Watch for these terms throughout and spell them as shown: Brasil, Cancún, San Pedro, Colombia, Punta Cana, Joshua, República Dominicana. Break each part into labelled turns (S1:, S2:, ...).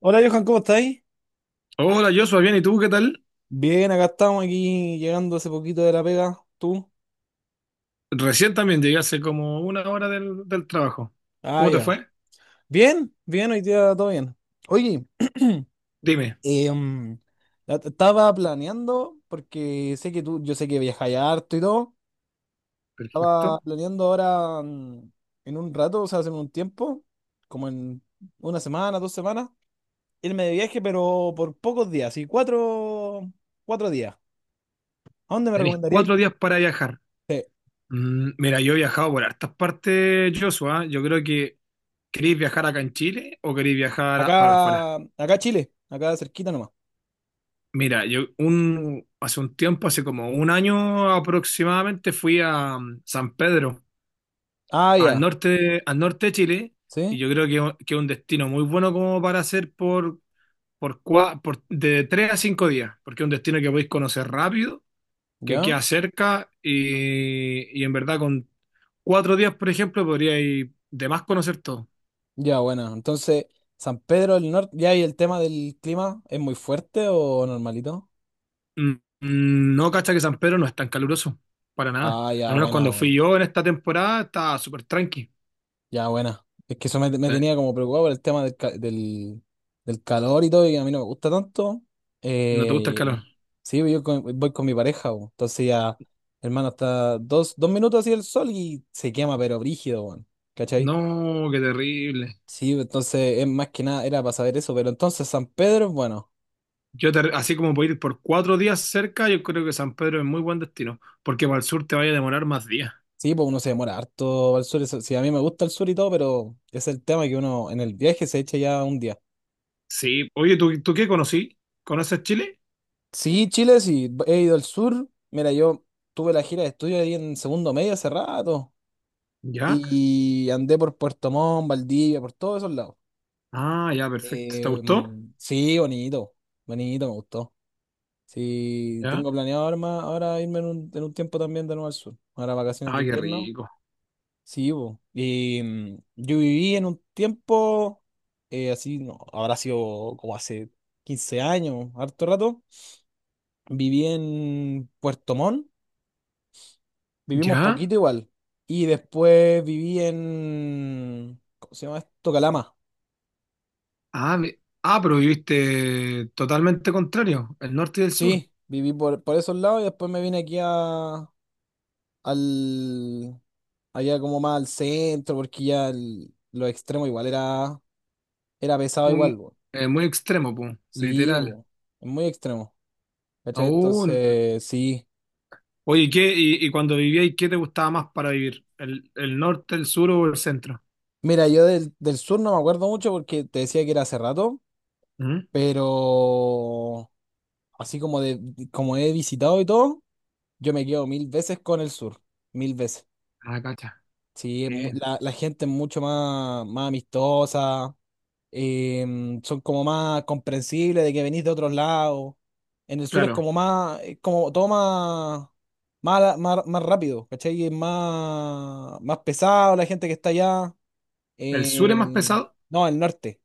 S1: Hola, Johan, ¿cómo estáis?
S2: Hola, Joshua, bien, ¿y tú qué tal?
S1: Bien, acá estamos aquí llegando hace poquito de la pega. ¿Tú?
S2: Recién también llegué hace como una hora del trabajo.
S1: Ah,
S2: ¿Cómo te
S1: ya.
S2: fue?
S1: Bien, bien, hoy día todo bien. Oye,
S2: Dime.
S1: em, estaba planeando, porque sé que tú, yo sé que viajáis harto y todo. Estaba
S2: Perfecto.
S1: planeando ahora en un rato, o sea, hace un tiempo, como en una semana, dos semanas, irme de viaje, pero por pocos días, y cuatro días. ¿A dónde me
S2: Tenéis
S1: recomendaríais?
S2: 4 días para viajar.
S1: Sí,
S2: Mira, yo he viajado por hartas partes, Joshua. Yo creo que queréis viajar acá en Chile o queréis viajar para afuera.
S1: acá Chile, acá cerquita nomás.
S2: Mira, hace un tiempo, hace como un año aproximadamente, fui a San Pedro,
S1: Ah, ya,
S2: al norte de Chile, y
S1: sí,
S2: yo creo que es un destino muy bueno como para hacer por de 3 a 5 días, porque es un destino que podéis conocer rápido, que
S1: ya,
S2: queda cerca y en verdad con 4 días, por ejemplo, podríais de más conocer todo.
S1: ya, bueno. Entonces, San Pedro del Norte, ya, y el tema del clima, ¿es muy fuerte o normalito?
S2: Mm, No, cacha que San Pedro no es tan caluroso, para nada.
S1: Ah, ya,
S2: Al menos
S1: buena,
S2: cuando fui
S1: weón.
S2: yo en esta temporada estaba súper tranqui.
S1: Ya, buena. Es que eso me, me
S2: Eh,
S1: tenía como preocupado por el tema del del, calor y todo, y a mí no me gusta tanto.
S2: ¿No te gusta el
S1: Eh,
S2: calor?
S1: sí, pues, yo voy con mi pareja, weón. Entonces ya, hermano, está dos minutos así el sol y se quema, pero brígido, weón. ¿Cachai?
S2: No, qué terrible.
S1: Sí, pues, entonces es más que nada, era para saber eso, pero entonces San Pedro es bueno.
S2: Así como puedo ir por 4 días cerca, yo creo que San Pedro es muy buen destino, porque para el sur te vaya a demorar más días.
S1: Sí, pues uno se demora harto al sur. Sí, a mí me gusta el sur y todo, pero es el tema que uno en el viaje se echa ya un día.
S2: Sí, oye, ¿tú qué conocí? ¿Conoces Chile?
S1: Sí, Chile, sí, he ido al sur. Mira, yo tuve la gira de estudio ahí en segundo medio hace rato
S2: ¿Ya?
S1: y andé por Puerto Montt, Valdivia, por todos esos lados.
S2: Ah, ya, perfecto. ¿Te gustó?
S1: Sí, bonito, bonito, me gustó. Sí,
S2: ¿Ya?
S1: tengo planeado ahora, ahora irme en en un tiempo también de nuevo al sur. Ahora vacaciones de
S2: Ah, qué
S1: invierno.
S2: rico.
S1: Sí, bo. Y yo viví en un tiempo, así, no, habrá sido como hace 15 años, harto rato. Viví en Puerto Montt, vivimos
S2: ¿Ya?
S1: poquito igual. Y después viví en, ¿cómo se llama esto? Calama.
S2: Ah, pero viviste totalmente contrario, el norte y el sur.
S1: Sí, viví por esos lados y después me vine aquí al, allá como más al centro, porque ya los extremos igual era pesado igual,
S2: Muy,
S1: bo.
S2: muy extremo, pues,
S1: Sí,
S2: literal.
S1: bo, es muy extremo. ¿Cachai?
S2: Oh,
S1: Entonces, sí.
S2: oye, ¿Qué? Y cuando vivíais, ¿qué te gustaba más para vivir? ¿El norte, el sur o el centro?
S1: Mira, yo del sur no me acuerdo mucho porque te decía que era hace rato,
S2: ¿Mm?
S1: pero así como he visitado y todo, yo me quedo mil veces con el sur, mil veces.
S2: Ah, cacha.
S1: Sí,
S2: Bien.
S1: la gente es mucho más, más amistosa, son como más comprensibles de que venís de otros lados. En el sur es
S2: Claro,
S1: como más, es como todo más, más rápido, ¿cachai? Es más, más pesado la gente que está allá.
S2: el sur es más
S1: Eh,
S2: pesado,
S1: no, el norte.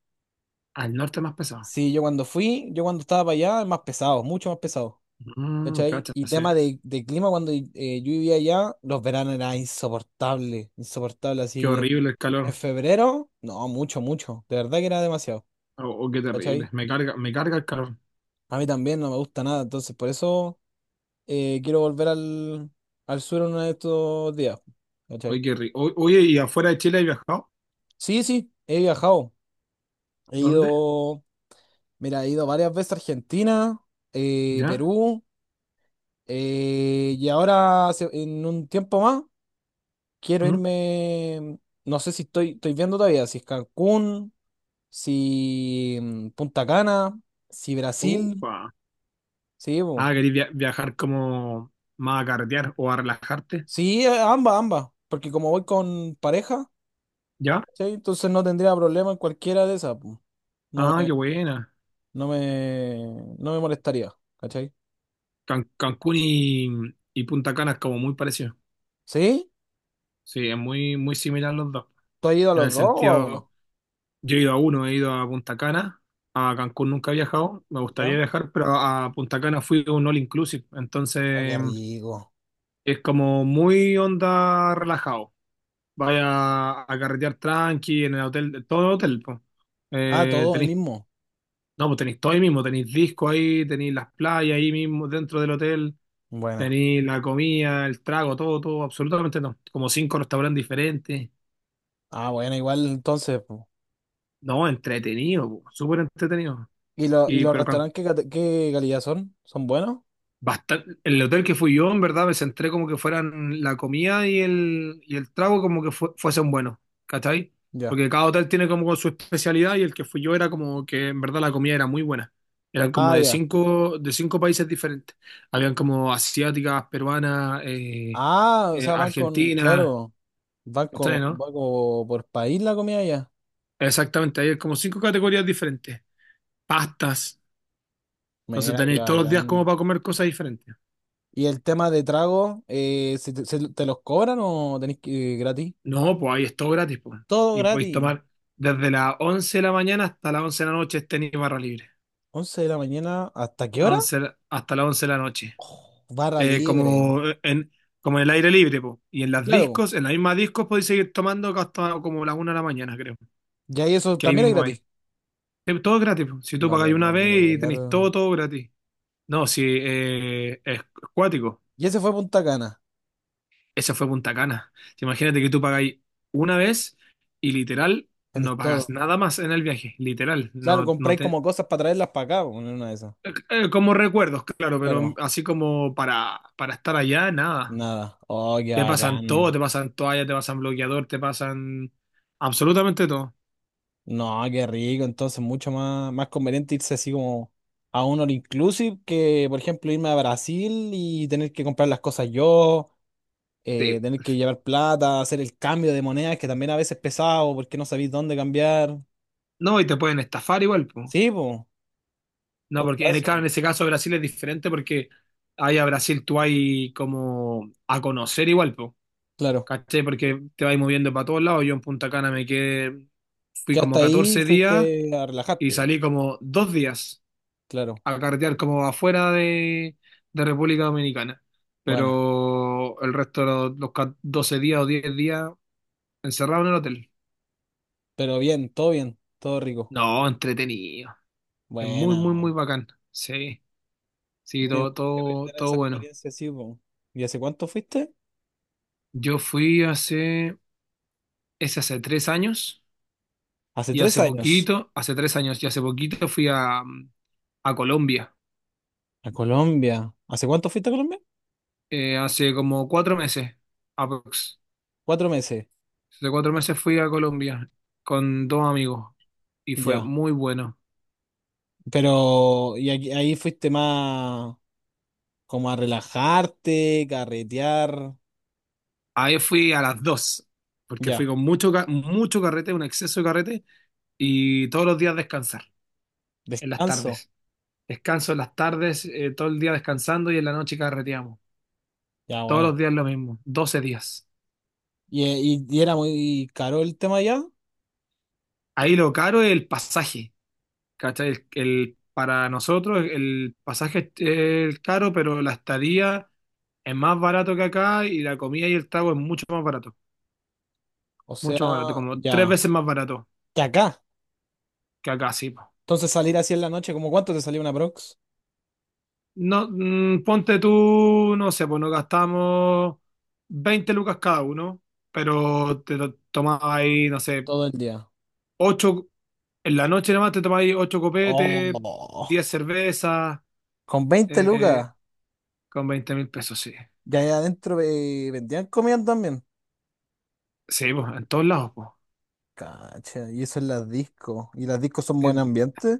S2: al norte es más pesado.
S1: Sí, yo cuando fui, yo cuando estaba para allá, es más pesado, mucho más pesado. ¿Cachai?
S2: Cacha,
S1: Y
S2: sí.
S1: tema de clima, cuando yo vivía allá, los veranos eran insoportables, insoportables
S2: Qué
S1: así
S2: horrible el
S1: en
S2: calor.
S1: febrero, no, mucho, mucho. De verdad que era demasiado.
S2: Oh, oh, qué terrible.
S1: ¿Cachai?
S2: Me carga el calor.
S1: A mí también no me gusta nada, entonces por eso quiero volver al sur uno de estos días.
S2: Oye,
S1: ¿Cachai?
S2: qué rico. Oye, ¿y afuera de Chile has viajado?
S1: Sí, sí, he viajado. He
S2: ¿Dónde?
S1: ido, mira, he ido varias veces a Argentina,
S2: ¿Ya?
S1: Perú. Y ahora, en un tiempo más, quiero
S2: ¿Mm?
S1: irme. No sé si estoy viendo todavía, si es Cancún, si Punta Cana, si Brasil.
S2: Upa.
S1: Sí, po.
S2: Ah, ¿querés viajar como más a carretear o a relajarte?
S1: Sí, ambas, ambas. Porque como voy con pareja,
S2: ¿Ya?
S1: ¿sí? Entonces no tendría problema en cualquiera de esas. Po. No
S2: Ah,
S1: me,
S2: qué buena.
S1: no me molestaría, ¿cachai?
S2: Cancún y Punta Cana es como muy parecido.
S1: ¿Sí?
S2: Sí, es muy, muy similar los dos.
S1: ¿Tú has ido a
S2: En el
S1: los dos o a uno?
S2: sentido, yo he ido a uno, he ido a Punta Cana. A Cancún nunca he viajado, me gustaría
S1: ¿Ya?
S2: viajar, pero a Punta Cana fui a un all inclusive.
S1: Oh, qué
S2: Entonces,
S1: rico.
S2: es como muy onda relajado. Vaya a carretear tranqui en el hotel, todo el hotel, po.
S1: Ah, todo hoy
S2: Tenéis,
S1: mismo.
S2: no, pues tenéis todo ahí mismo, tenéis disco ahí, tenéis las playas ahí mismo dentro del hotel,
S1: Buena.
S2: tenéis la comida, el trago, todo, todo, absolutamente no. Como cinco restaurantes diferentes.
S1: Ah, bueno, igual entonces.
S2: No, entretenido, po, súper entretenido.
S1: ¿Y, y
S2: Y
S1: los
S2: pero Can-
S1: restaurantes qué, qué calidad son? ¿Son buenos?
S2: Bastante, el hotel que fui yo, en verdad, me centré como que fueran la comida y y el trago como que fuesen buenos, ¿cachai?
S1: Ya.
S2: Porque cada hotel tiene como su especialidad y el que fui yo era como que en verdad la comida era muy buena. Eran como
S1: Ah,
S2: de
S1: ya.
S2: cinco países diferentes. Habían como asiáticas, peruanas,
S1: Ah, o sea, van con,
S2: argentinas,
S1: claro, van
S2: ¿cachai,
S1: con,
S2: no?
S1: van como por país la comida ya.
S2: Exactamente, hay como cinco categorías diferentes. Pastas, entonces
S1: Mira, qué
S2: tenéis todos los días como
S1: bacán.
S2: para comer cosas diferentes.
S1: ¿Y el tema de trago, ¿se te, te los cobran o tenés que gratis?
S2: No, pues ahí es todo gratis, pues.
S1: Todo
S2: Y podéis
S1: gratis.
S2: tomar desde las 11 de la mañana hasta las 11 de la noche es tenis barra libre.
S1: Once de la mañana, ¿hasta qué
S2: A
S1: hora?
S2: once la- hasta las 11 de la noche.
S1: Oh, barra
S2: Eh,
S1: libre.
S2: como eh, en, como en el aire libre, pues. Y
S1: Claro,
S2: en las mismas discos podéis seguir tomando hasta como las 1 de la mañana, creo.
S1: ya y eso
S2: Que ahí
S1: también es
S2: mismo hay.
S1: gratis.
S2: Todo gratis, po. Si tú
S1: No te
S2: pagáis una
S1: puedo
S2: vez y
S1: creer.
S2: tenéis todo, todo gratis. No, si es cuático.
S1: Y ese fue Punta Cana.
S2: Esa fue Punta Cana. Si, imagínate que tú pagáis una vez y literal
S1: Tenéis
S2: no pagas
S1: todo.
S2: nada más en el viaje, literal.
S1: Claro,
S2: No,
S1: compráis como cosas para traerlas para acá, po, en una de esas.
S2: Como recuerdos, claro, pero
S1: Claro.
S2: así como para estar allá, nada.
S1: Nada. Oh, qué
S2: Te pasan todo,
S1: bacán.
S2: te pasan toalla, te pasan bloqueador, te pasan absolutamente todo.
S1: No, qué rico. Entonces, mucho más, más conveniente irse así como a un all inclusive que, por ejemplo, irme a Brasil y tener que comprar las cosas yo,
S2: Sí.
S1: tener que llevar plata, hacer el cambio de monedas, que también a veces es pesado porque no sabéis dónde cambiar.
S2: No, y te pueden estafar igual, po.
S1: Sí, pues,
S2: No,
S1: todo
S2: porque claro,
S1: caso.
S2: en ese caso Brasil es diferente porque ahí a Brasil tú hay como a conocer igual, po.
S1: Claro.
S2: ¿Cachai? Porque te vas moviendo para todos lados. Yo en Punta Cana me quedé, fui
S1: Que
S2: como
S1: hasta ahí
S2: 14
S1: fuiste
S2: días
S1: a
S2: y
S1: relajarte. Po.
S2: salí como 2 días.
S1: Claro.
S2: A carretear como afuera de República Dominicana.
S1: Buena.
S2: Pero el resto de los 12 días o 10 días encerrado en el hotel.
S1: Pero bien, todo rico.
S2: No, entretenido. Es muy,
S1: Buena.
S2: muy, muy
S1: Po.
S2: bacán. Sí, sí,
S1: Amigo,
S2: todo,
S1: qué rico
S2: todo,
S1: tener
S2: todo
S1: esa
S2: bueno.
S1: experiencia así, po. ¿Y hace cuánto fuiste?
S2: Yo fui hace, es hace 3 años
S1: Hace
S2: y
S1: tres
S2: hace
S1: años
S2: poquito, hace tres años y hace poquito fui a Colombia.
S1: a Colombia. ¿Hace cuánto fuiste a Colombia?
S2: Hace como 4 meses, aprox.
S1: 4 meses,
S2: Hace 4 meses fui a Colombia con dos amigos y fue
S1: ya.
S2: muy bueno.
S1: Pero, ¿y ahí fuiste más como a relajarte, carretear?
S2: Ahí fui a las 2 porque fui
S1: Ya,
S2: con mucho carrete, un exceso de carrete, y todos los días descansar, en las
S1: descanso.
S2: tardes. Descanso en las tardes, todo el día descansando y en la noche carreteamos.
S1: Ya,
S2: Todos los
S1: buena.
S2: días lo mismo, 12 días.
S1: ¿Y, y era muy caro el tema ya?
S2: Ahí lo caro es el pasaje, ¿cachai? Para nosotros el pasaje es caro, pero la estadía es más barato que acá y la comida y el trago es
S1: O sea,
S2: mucho más barato, como tres
S1: ya.
S2: veces más barato
S1: Que acá.
S2: que acá, sí.
S1: Entonces salir así en la noche, ¿cómo cuánto te salió una prox?
S2: No, ponte tú, no sé, pues nos gastamos 20 lucas cada uno, pero tomás ahí, no sé,
S1: Todo el día.
S2: 8 en la noche nomás te tomás ahí 8 copetes,
S1: Oh,
S2: 10 cervezas,
S1: con veinte
S2: eh,
S1: lucas.
S2: con $20.000, sí.
S1: Ya ahí adentro vendían comida también.
S2: Sí, pues, en todos lados, pues.
S1: Cacha, y eso es las discos. ¿Y las discos son buen
S2: El-
S1: ambiente?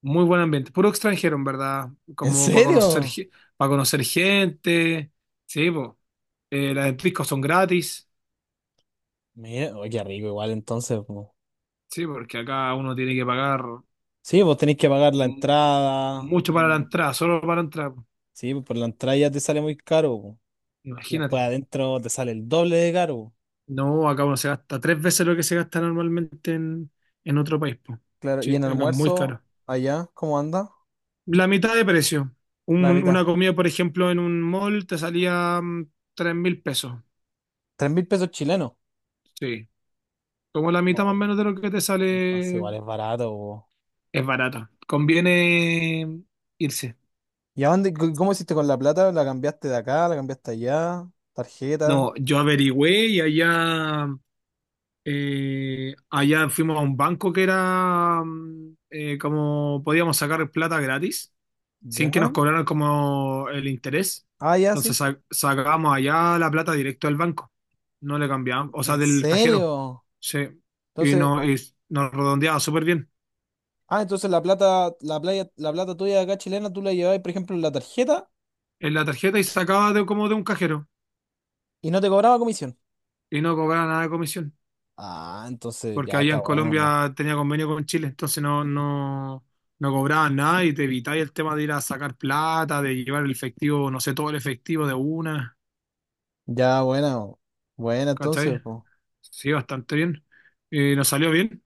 S2: Muy buen ambiente, puro extranjero, en verdad,
S1: ¿En
S2: como para conocer,
S1: serio?
S2: para conocer gente, sí, pues. Las discos son gratis,
S1: Mira, oye, qué rico igual entonces. Po.
S2: sí, porque acá uno tiene que pagar.
S1: Sí, vos tenés que pagar la
S2: mm,
S1: entrada.
S2: Mucho para la entrada, solo para la entrada.
S1: Sí, pues por la entrada ya te sale muy caro. Po. Y después
S2: Imagínate.
S1: adentro te sale el doble de caro. Po.
S2: No, acá uno se gasta tres veces lo que se gasta normalmente en otro país, po.
S1: Claro, y
S2: Sí,
S1: en
S2: acá es muy
S1: almuerzo,
S2: caro.
S1: allá, ¿cómo anda?
S2: La mitad de precio.
S1: La mitad.
S2: Una comida, por ejemplo, en un mall te salía $3.000.
S1: 3.000 pesos chilenos.
S2: Sí. Como la mitad más o
S1: Oh,
S2: menos de lo que te
S1: entonces
S2: sale.
S1: igual es barato. Po.
S2: Es barata. Conviene irse.
S1: ¿Y a dónde, cómo hiciste con la plata? ¿La cambiaste de acá? ¿La cambiaste allá? ¿Tarjeta?
S2: No, yo averigüé y allá fuimos a un banco que era como podíamos sacar plata gratis, sin
S1: ¿Ya?
S2: que nos cobraran como el interés.
S1: Ah, ya,
S2: Entonces
S1: sí.
S2: sacábamos allá la plata directo del banco. No le cambiábamos, o sea,
S1: ¿En
S2: del cajero.
S1: serio?
S2: Sí. Y,
S1: Entonces,
S2: no, y nos redondeaba súper bien
S1: ah, entonces la plata, la playa, la plata tuya de acá chilena, tú la llevabas, por ejemplo, en la tarjeta
S2: en la tarjeta y sacaba como de un cajero
S1: y no te cobraba comisión.
S2: y no cobraba nada de comisión.
S1: Ah, entonces
S2: Porque
S1: ya
S2: allá
S1: está
S2: en
S1: bueno, po.
S2: Colombia tenía convenio con Chile, entonces no cobraban nada y te evitabas el tema de ir a sacar plata, de llevar el efectivo, no sé, todo el efectivo de una,
S1: Ya bueno, bueno, entonces,
S2: ¿cachai?
S1: po.
S2: Sí, bastante bien. Nos salió bien.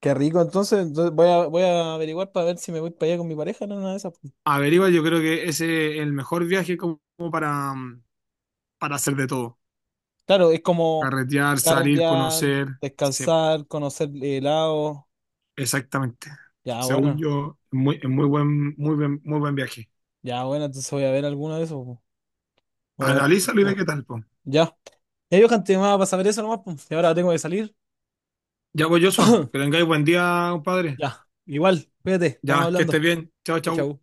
S1: Qué rico, entonces, entonces voy voy a averiguar para ver si me voy para allá con mi pareja, no, una de esas. Po.
S2: Averigua, yo creo que ese es el mejor viaje como para hacer de todo.
S1: Claro, es como
S2: Carretear, salir,
S1: carretear,
S2: conocer. Sí,
S1: descansar, conocer helado.
S2: exactamente.
S1: Ya
S2: Según
S1: bueno,
S2: yo, es muy buen, muy buen, muy buen viaje.
S1: ya bueno, entonces voy a ver alguno de esos, po. Voy a ver,
S2: Analízalo y ve qué
S1: no,
S2: tal, po.
S1: ya. Ya, Johan, te llamaba para saber eso nomás, po. Y ahora tengo que salir.
S2: Ya voy, Joshua. Que tengáis buen día, compadre.
S1: Ya, igual, cuídate, estamos
S2: Ya, que estés
S1: hablando.
S2: bien. Chao, chao.
S1: Chau.